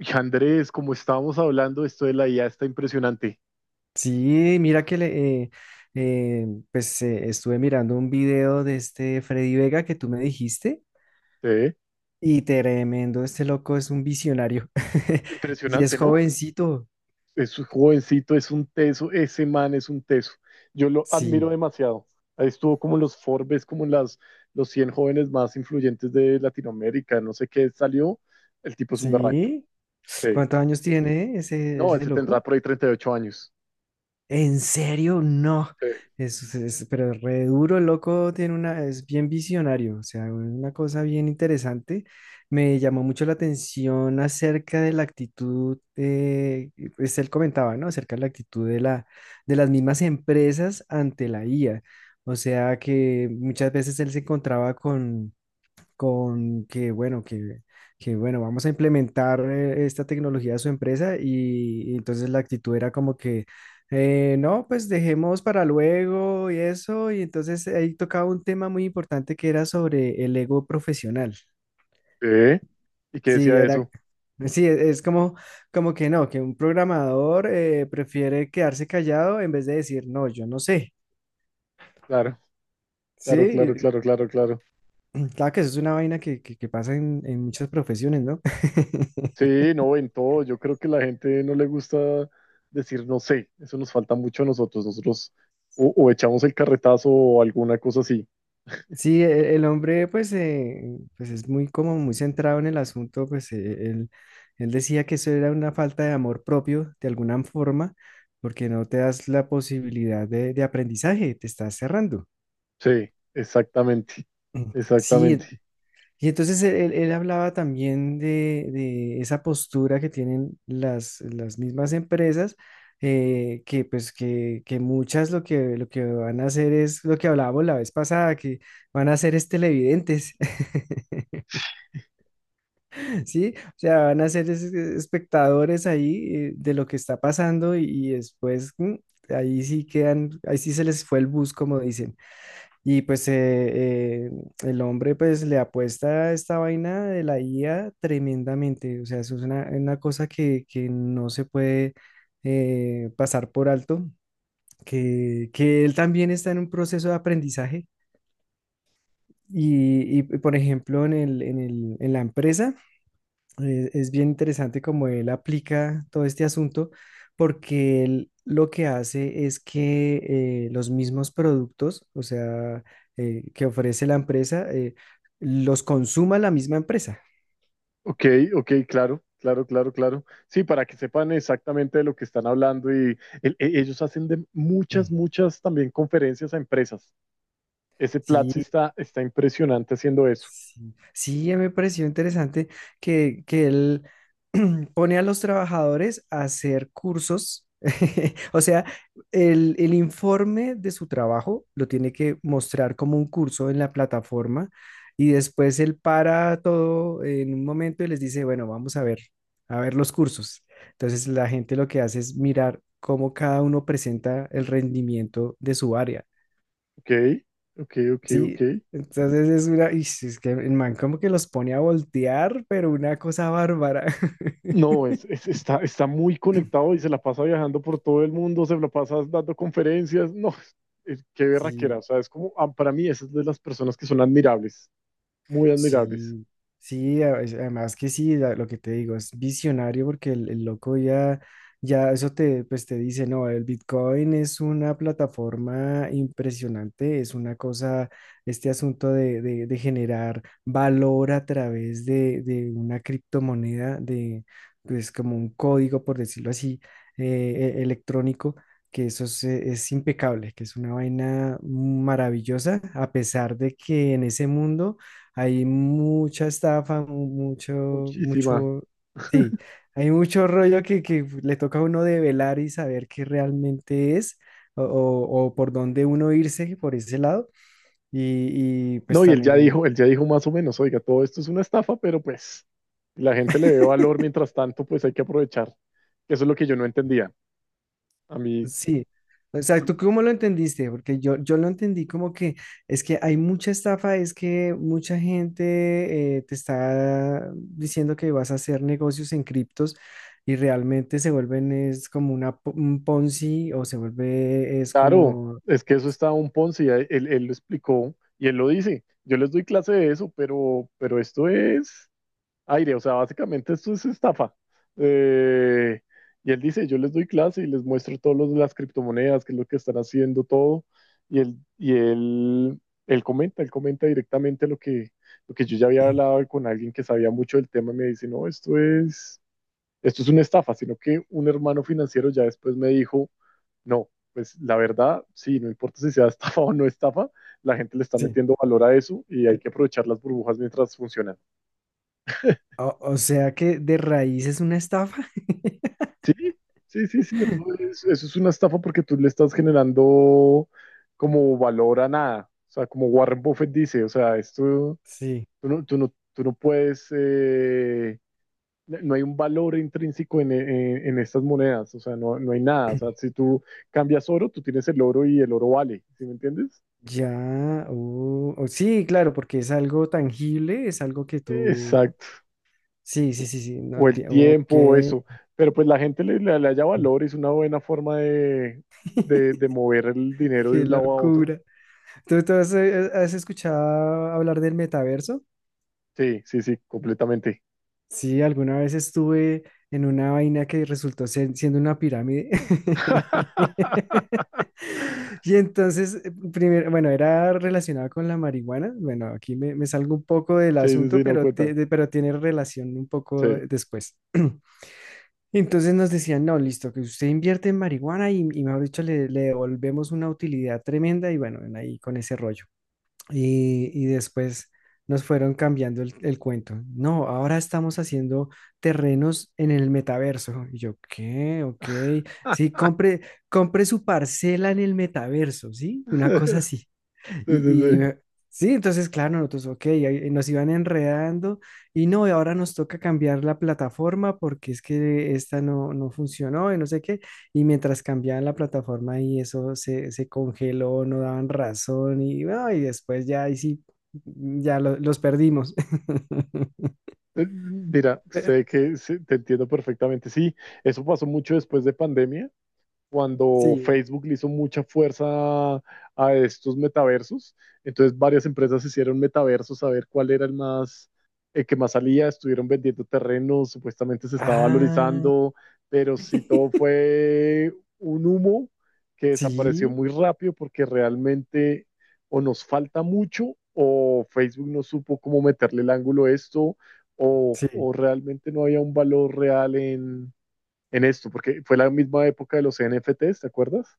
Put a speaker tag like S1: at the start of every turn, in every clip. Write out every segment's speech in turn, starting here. S1: Y Andrés, como estábamos hablando, esto de la IA está impresionante.
S2: Sí, mira que le, pues estuve mirando un video de este Freddy Vega que tú me dijiste
S1: ¿Se
S2: y tremendo, este loco es un visionario y es
S1: Impresionante, ¿no?
S2: jovencito.
S1: Es un jovencito, es un teso, ese man es un teso. Yo lo admiro
S2: Sí,
S1: demasiado. Ahí estuvo como en los Forbes, como en los 100 jóvenes más influyentes de Latinoamérica, no sé qué salió. El tipo es un berraco.
S2: sí.
S1: Sí.
S2: ¿Cuántos años tiene ese,
S1: No,
S2: ese
S1: ese tendrá
S2: loco?
S1: por ahí 38 años.
S2: ¿En serio? No.
S1: Sí.
S2: Pero re duro, el loco, tiene una, es bien visionario, o sea, una cosa bien interesante. Me llamó mucho la atención acerca de la actitud, pues él comentaba, ¿no? Acerca de la actitud de las mismas empresas ante la IA. O sea, que muchas veces él se encontraba con que, bueno, bueno, vamos a implementar esta tecnología a su empresa y entonces la actitud era como que, no, pues dejemos para luego y eso, y entonces ahí tocaba un tema muy importante que era sobre el ego profesional.
S1: Sí. ¿Y qué decía
S2: Sí,
S1: de
S2: era,
S1: eso?
S2: sí, es como que no, que un programador prefiere quedarse callado en vez de decir, no, yo no sé.
S1: Claro, claro,
S2: Sí,
S1: claro, claro, claro, claro.
S2: claro que eso es una vaina que pasa en muchas profesiones, ¿no?
S1: Sí, no, en todo. Yo creo que la gente no le gusta decir no sé. Eso nos falta mucho a nosotros. Nosotros o echamos el carretazo o alguna cosa así.
S2: Sí, el hombre pues, pues es muy como muy centrado en el asunto, pues él, él decía que eso era una falta de amor propio de alguna forma, porque no te das la posibilidad de aprendizaje, te estás cerrando.
S1: Sí, exactamente.
S2: Mm,
S1: Exactamente.
S2: sí, y entonces él hablaba también de esa postura que tienen las mismas empresas, que pues que muchas lo que van a hacer es lo que hablábamos la vez pasada, que van a hacer es televidentes. Sí, o sea, van a ser espectadores ahí de lo que está pasando y después ahí sí quedan, ahí sí se les fue el bus, como dicen. Y pues el hombre pues le apuesta a esta vaina de la IA tremendamente, o sea, eso es una cosa que no se puede pasar por alto, que él también está en un proceso de aprendizaje. Y, por ejemplo, en la empresa es bien interesante cómo él aplica todo este asunto, porque él lo que hace es que los mismos productos, o sea, que ofrece la empresa, los consuma la misma empresa.
S1: Ok, ok, claro, claro, claro, claro. Sí, para que sepan exactamente de lo que están hablando y ellos hacen de muchas,
S2: Mm.
S1: muchas también conferencias a empresas. Ese Platzi
S2: Sí.
S1: está impresionante haciendo eso.
S2: Sí, sí, me pareció interesante que él pone a los trabajadores a hacer cursos. O sea, el informe de su trabajo lo tiene que mostrar como un curso en la plataforma y después él para todo en un momento y les dice, bueno, vamos a ver los cursos. Entonces la gente lo que hace es mirar cómo cada uno presenta el rendimiento de su área.
S1: Ok, ok, ok, ok.
S2: Sí, entonces es es que el man como que los pone a voltear, pero una cosa bárbara.
S1: No, está muy conectado y se la pasa viajando por todo el mundo, se la pasa dando conferencias. No, qué berraquera.
S2: Sí.
S1: O sea, es como, ah, para mí, esas de las personas que son admirables, muy admirables.
S2: Sí, sí, además que sí, lo que te digo, es visionario porque el loco ya, ya eso pues te dice, no, el Bitcoin es una plataforma impresionante, es una cosa, este asunto de, de generar valor a través de una criptomoneda, pues como un código, por decirlo así, electrónico. Que eso es impecable, que es una vaina maravillosa, a pesar de que en ese mundo hay mucha estafa, mu- mucho,
S1: Muchísima.
S2: mucho, sí, hay mucho rollo que le toca a uno develar y saber qué realmente es o por dónde uno irse por ese lado. Y pues
S1: No, y él ya
S2: también.
S1: dijo, él ya dijo más o menos, oiga, todo esto es una estafa, pero pues la gente le ve valor mientras tanto, pues hay que aprovechar. Eso es lo que yo no entendía. A mí,
S2: Sí, o sea, ¿tú cómo lo entendiste? Porque yo lo entendí como que es que hay mucha estafa, es que mucha gente te está diciendo que vas a hacer negocios en criptos y realmente se vuelven, es como un Ponzi o se vuelve, es
S1: claro,
S2: como.
S1: es que eso está un Ponzi, él lo explicó y él lo dice. Yo les doy clase de eso, pero esto es aire, o sea, básicamente esto es estafa. Eh, y él dice, yo les doy clase y les muestro todos los de las criptomonedas, qué es lo que están haciendo, todo. Y él comenta directamente lo que yo ya había hablado con alguien que sabía mucho del tema y me dice, no, esto es una estafa, sino que un hermano financiero ya después me dijo, no, pues la verdad, sí, no importa si sea estafa o no estafa, la gente le está
S2: Sí,
S1: metiendo valor a eso y hay que aprovechar las burbujas mientras funcionan.
S2: o sea que de raíz es una estafa.
S1: Sí, sí, sí, sí, eso es una estafa porque tú le estás generando como valor a nada. O sea, como Warren Buffett dice, o sea, esto,
S2: Sí,
S1: tú no puedes, no hay un valor intrínseco en estas monedas, o sea, no, no hay nada. O sea, si tú cambias oro, tú tienes el oro y el oro vale, ¿sí me entiendes?
S2: ya, oh, oh, sí, claro, porque es algo tangible, es algo que tú,
S1: Exacto.
S2: sí, sí, sí, sí, no
S1: O el
S2: entiendo, ok.
S1: tiempo, o eso. Pero pues la gente le haya valor, es una buena forma de mover el dinero de
S2: Qué
S1: un lado a otro.
S2: locura. ¿Tú has escuchado hablar del metaverso?
S1: Sí, sí, sí, completamente.
S2: Sí, alguna vez estuve en una vaina que resultó siendo una pirámide. Y entonces, primero, bueno, era relacionado con la marihuana. Bueno, aquí me salgo un poco del
S1: Sí, sí,
S2: asunto,
S1: sí, no
S2: pero, ti-
S1: cuenta.
S2: de- pero tiene relación un poco
S1: Sí.
S2: después. Entonces nos decían, no, listo, que usted invierte en marihuana y mejor dicho, le devolvemos una utilidad tremenda y bueno, en ahí con ese rollo. Y después nos fueron cambiando el cuento. No, ahora estamos haciendo terrenos en el metaverso. Y yo, ¿qué? Ok. Sí, compre, compre su parcela en el metaverso, ¿sí? Una cosa así.
S1: Sí, sí,
S2: Y,
S1: sí.
S2: sí, entonces, claro, nosotros, ok, ahí nos iban enredando y no, y ahora nos toca cambiar la plataforma porque es que esta no, no funcionó y no sé qué. Y mientras cambiaban la plataforma y eso se congeló, no daban razón y, bueno, y después ya, ahí sí, ya los perdimos.
S1: Mira,
S2: Pe-
S1: sé que sí, te entiendo perfectamente. Sí, eso pasó mucho después de pandemia, cuando
S2: Sí.
S1: Facebook le hizo mucha fuerza a estos metaversos. Entonces varias empresas hicieron metaversos a ver cuál era el más, el que más salía, estuvieron vendiendo terrenos, supuestamente se estaba
S2: Ah.
S1: valorizando, pero sí todo fue un humo que desapareció
S2: Sí,
S1: muy rápido porque realmente o nos falta mucho o Facebook no supo cómo meterle el ángulo a esto o,
S2: sí.
S1: o realmente no había un valor real en esto, porque fue la misma época de los NFTs, ¿te acuerdas?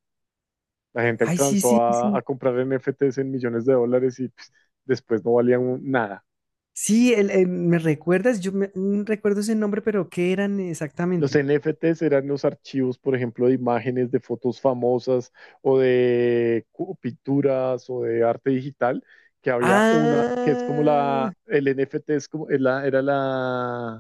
S1: La gente
S2: Ay, sí,
S1: alcanzó
S2: sí,
S1: a,
S2: sí.
S1: a comprar NFTs en millones de dólares y pues, después no valían nada.
S2: Sí, me recuerdas, yo recuerdo ese nombre, pero ¿qué eran
S1: Los
S2: exactamente?
S1: NFTs eran los archivos, por ejemplo, de imágenes, de fotos famosas o de pinturas o de arte digital, que había una, que es como
S2: Ah,
S1: la, el NFT es como, es la- era la,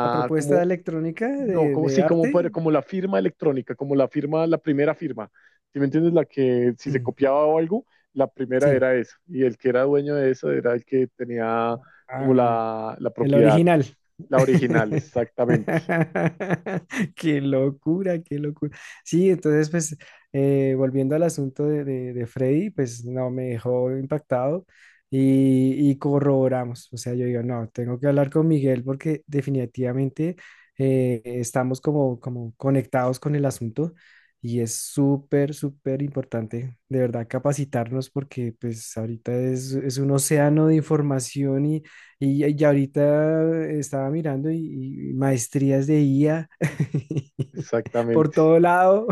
S2: la propuesta
S1: como,
S2: electrónica
S1: no,
S2: de,
S1: como,
S2: de
S1: sí, como,
S2: arte.
S1: como la firma electrónica, como la firma, la primera firma. ¿Sí me entiendes? La que si se copiaba o algo, la primera
S2: Sí.
S1: era esa. Y el que era dueño de eso era el que tenía como
S2: Ah.
S1: la
S2: El
S1: propiedad,
S2: original.
S1: la original, exactamente.
S2: Qué locura, qué locura. Sí, entonces, pues, volviendo al asunto de, de Freddy, pues no, me dejó impactado y corroboramos. O sea, yo digo, no, tengo que hablar con Miguel porque definitivamente estamos como conectados con el asunto y es súper, súper importante, de verdad, capacitarnos porque, pues, ahorita es un océano de información y ahorita estaba mirando y maestrías de IA por
S1: Exactamente,
S2: todo lado.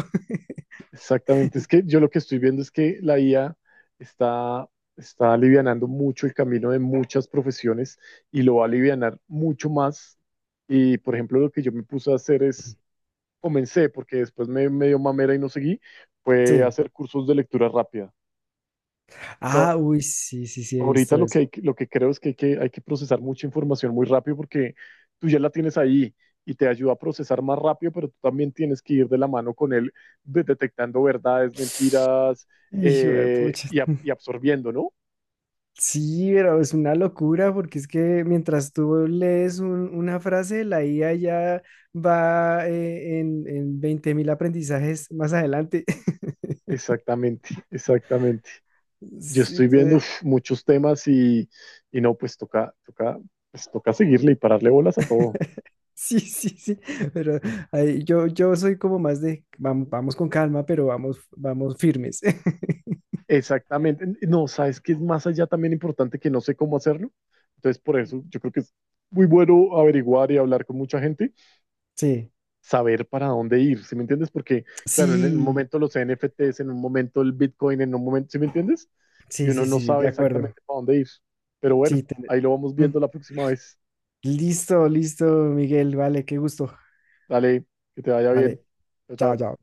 S1: exactamente. Es que yo lo que estoy viendo es que la IA está, está alivianando mucho el camino de muchas profesiones y lo va a alivianar mucho más. Y por ejemplo, lo que yo me puse a hacer es comencé, porque después me dio mamera y no seguí, fue
S2: Sí.
S1: hacer cursos de lectura rápida. O
S2: Ah,
S1: sea,
S2: uy, sí, sí, sí, he
S1: ahorita
S2: visto eso.
S1: lo que creo es que hay que procesar mucha información muy rápido porque tú ya la tienes ahí y te ayuda a procesar más rápido, pero tú también tienes que ir de la mano con él detectando verdades, mentiras
S2: Hijo de pucha.
S1: y absorbiendo, ¿no?
S2: Sí, pero es una locura porque es que mientras tú lees un- una frase, la IA ya va en 20.000 aprendizajes más adelante.
S1: Exactamente, exactamente. Yo
S2: Sí,
S1: estoy viendo
S2: entonces.
S1: uf, muchos temas y no, pues pues toca seguirle y pararle bolas a todo.
S2: Sí, sí, sí, pero ahí yo soy como más de vamos, con calma, pero vamos, vamos firmes.
S1: Exactamente. No, sabes que es más allá también importante que no sé cómo hacerlo. Entonces, por eso yo creo que es muy bueno averiguar y hablar con mucha gente,
S2: Sí,
S1: saber para dónde ir, ¿sí me entiendes? Porque, claro, en un
S2: sí,
S1: momento los NFTs, en un momento el Bitcoin, en un momento, ¿sí me entiendes? Y
S2: sí,
S1: uno
S2: sí,
S1: no
S2: sí, de
S1: sabe
S2: acuerdo.
S1: exactamente para dónde ir. Pero bueno,
S2: Sí.
S1: ahí lo vamos
S2: Mm.
S1: viendo la próxima vez.
S2: Listo, listo, Miguel, vale, qué gusto.
S1: Dale, que te vaya bien.
S2: Vale,
S1: Chao,
S2: chao,
S1: chao.
S2: chao.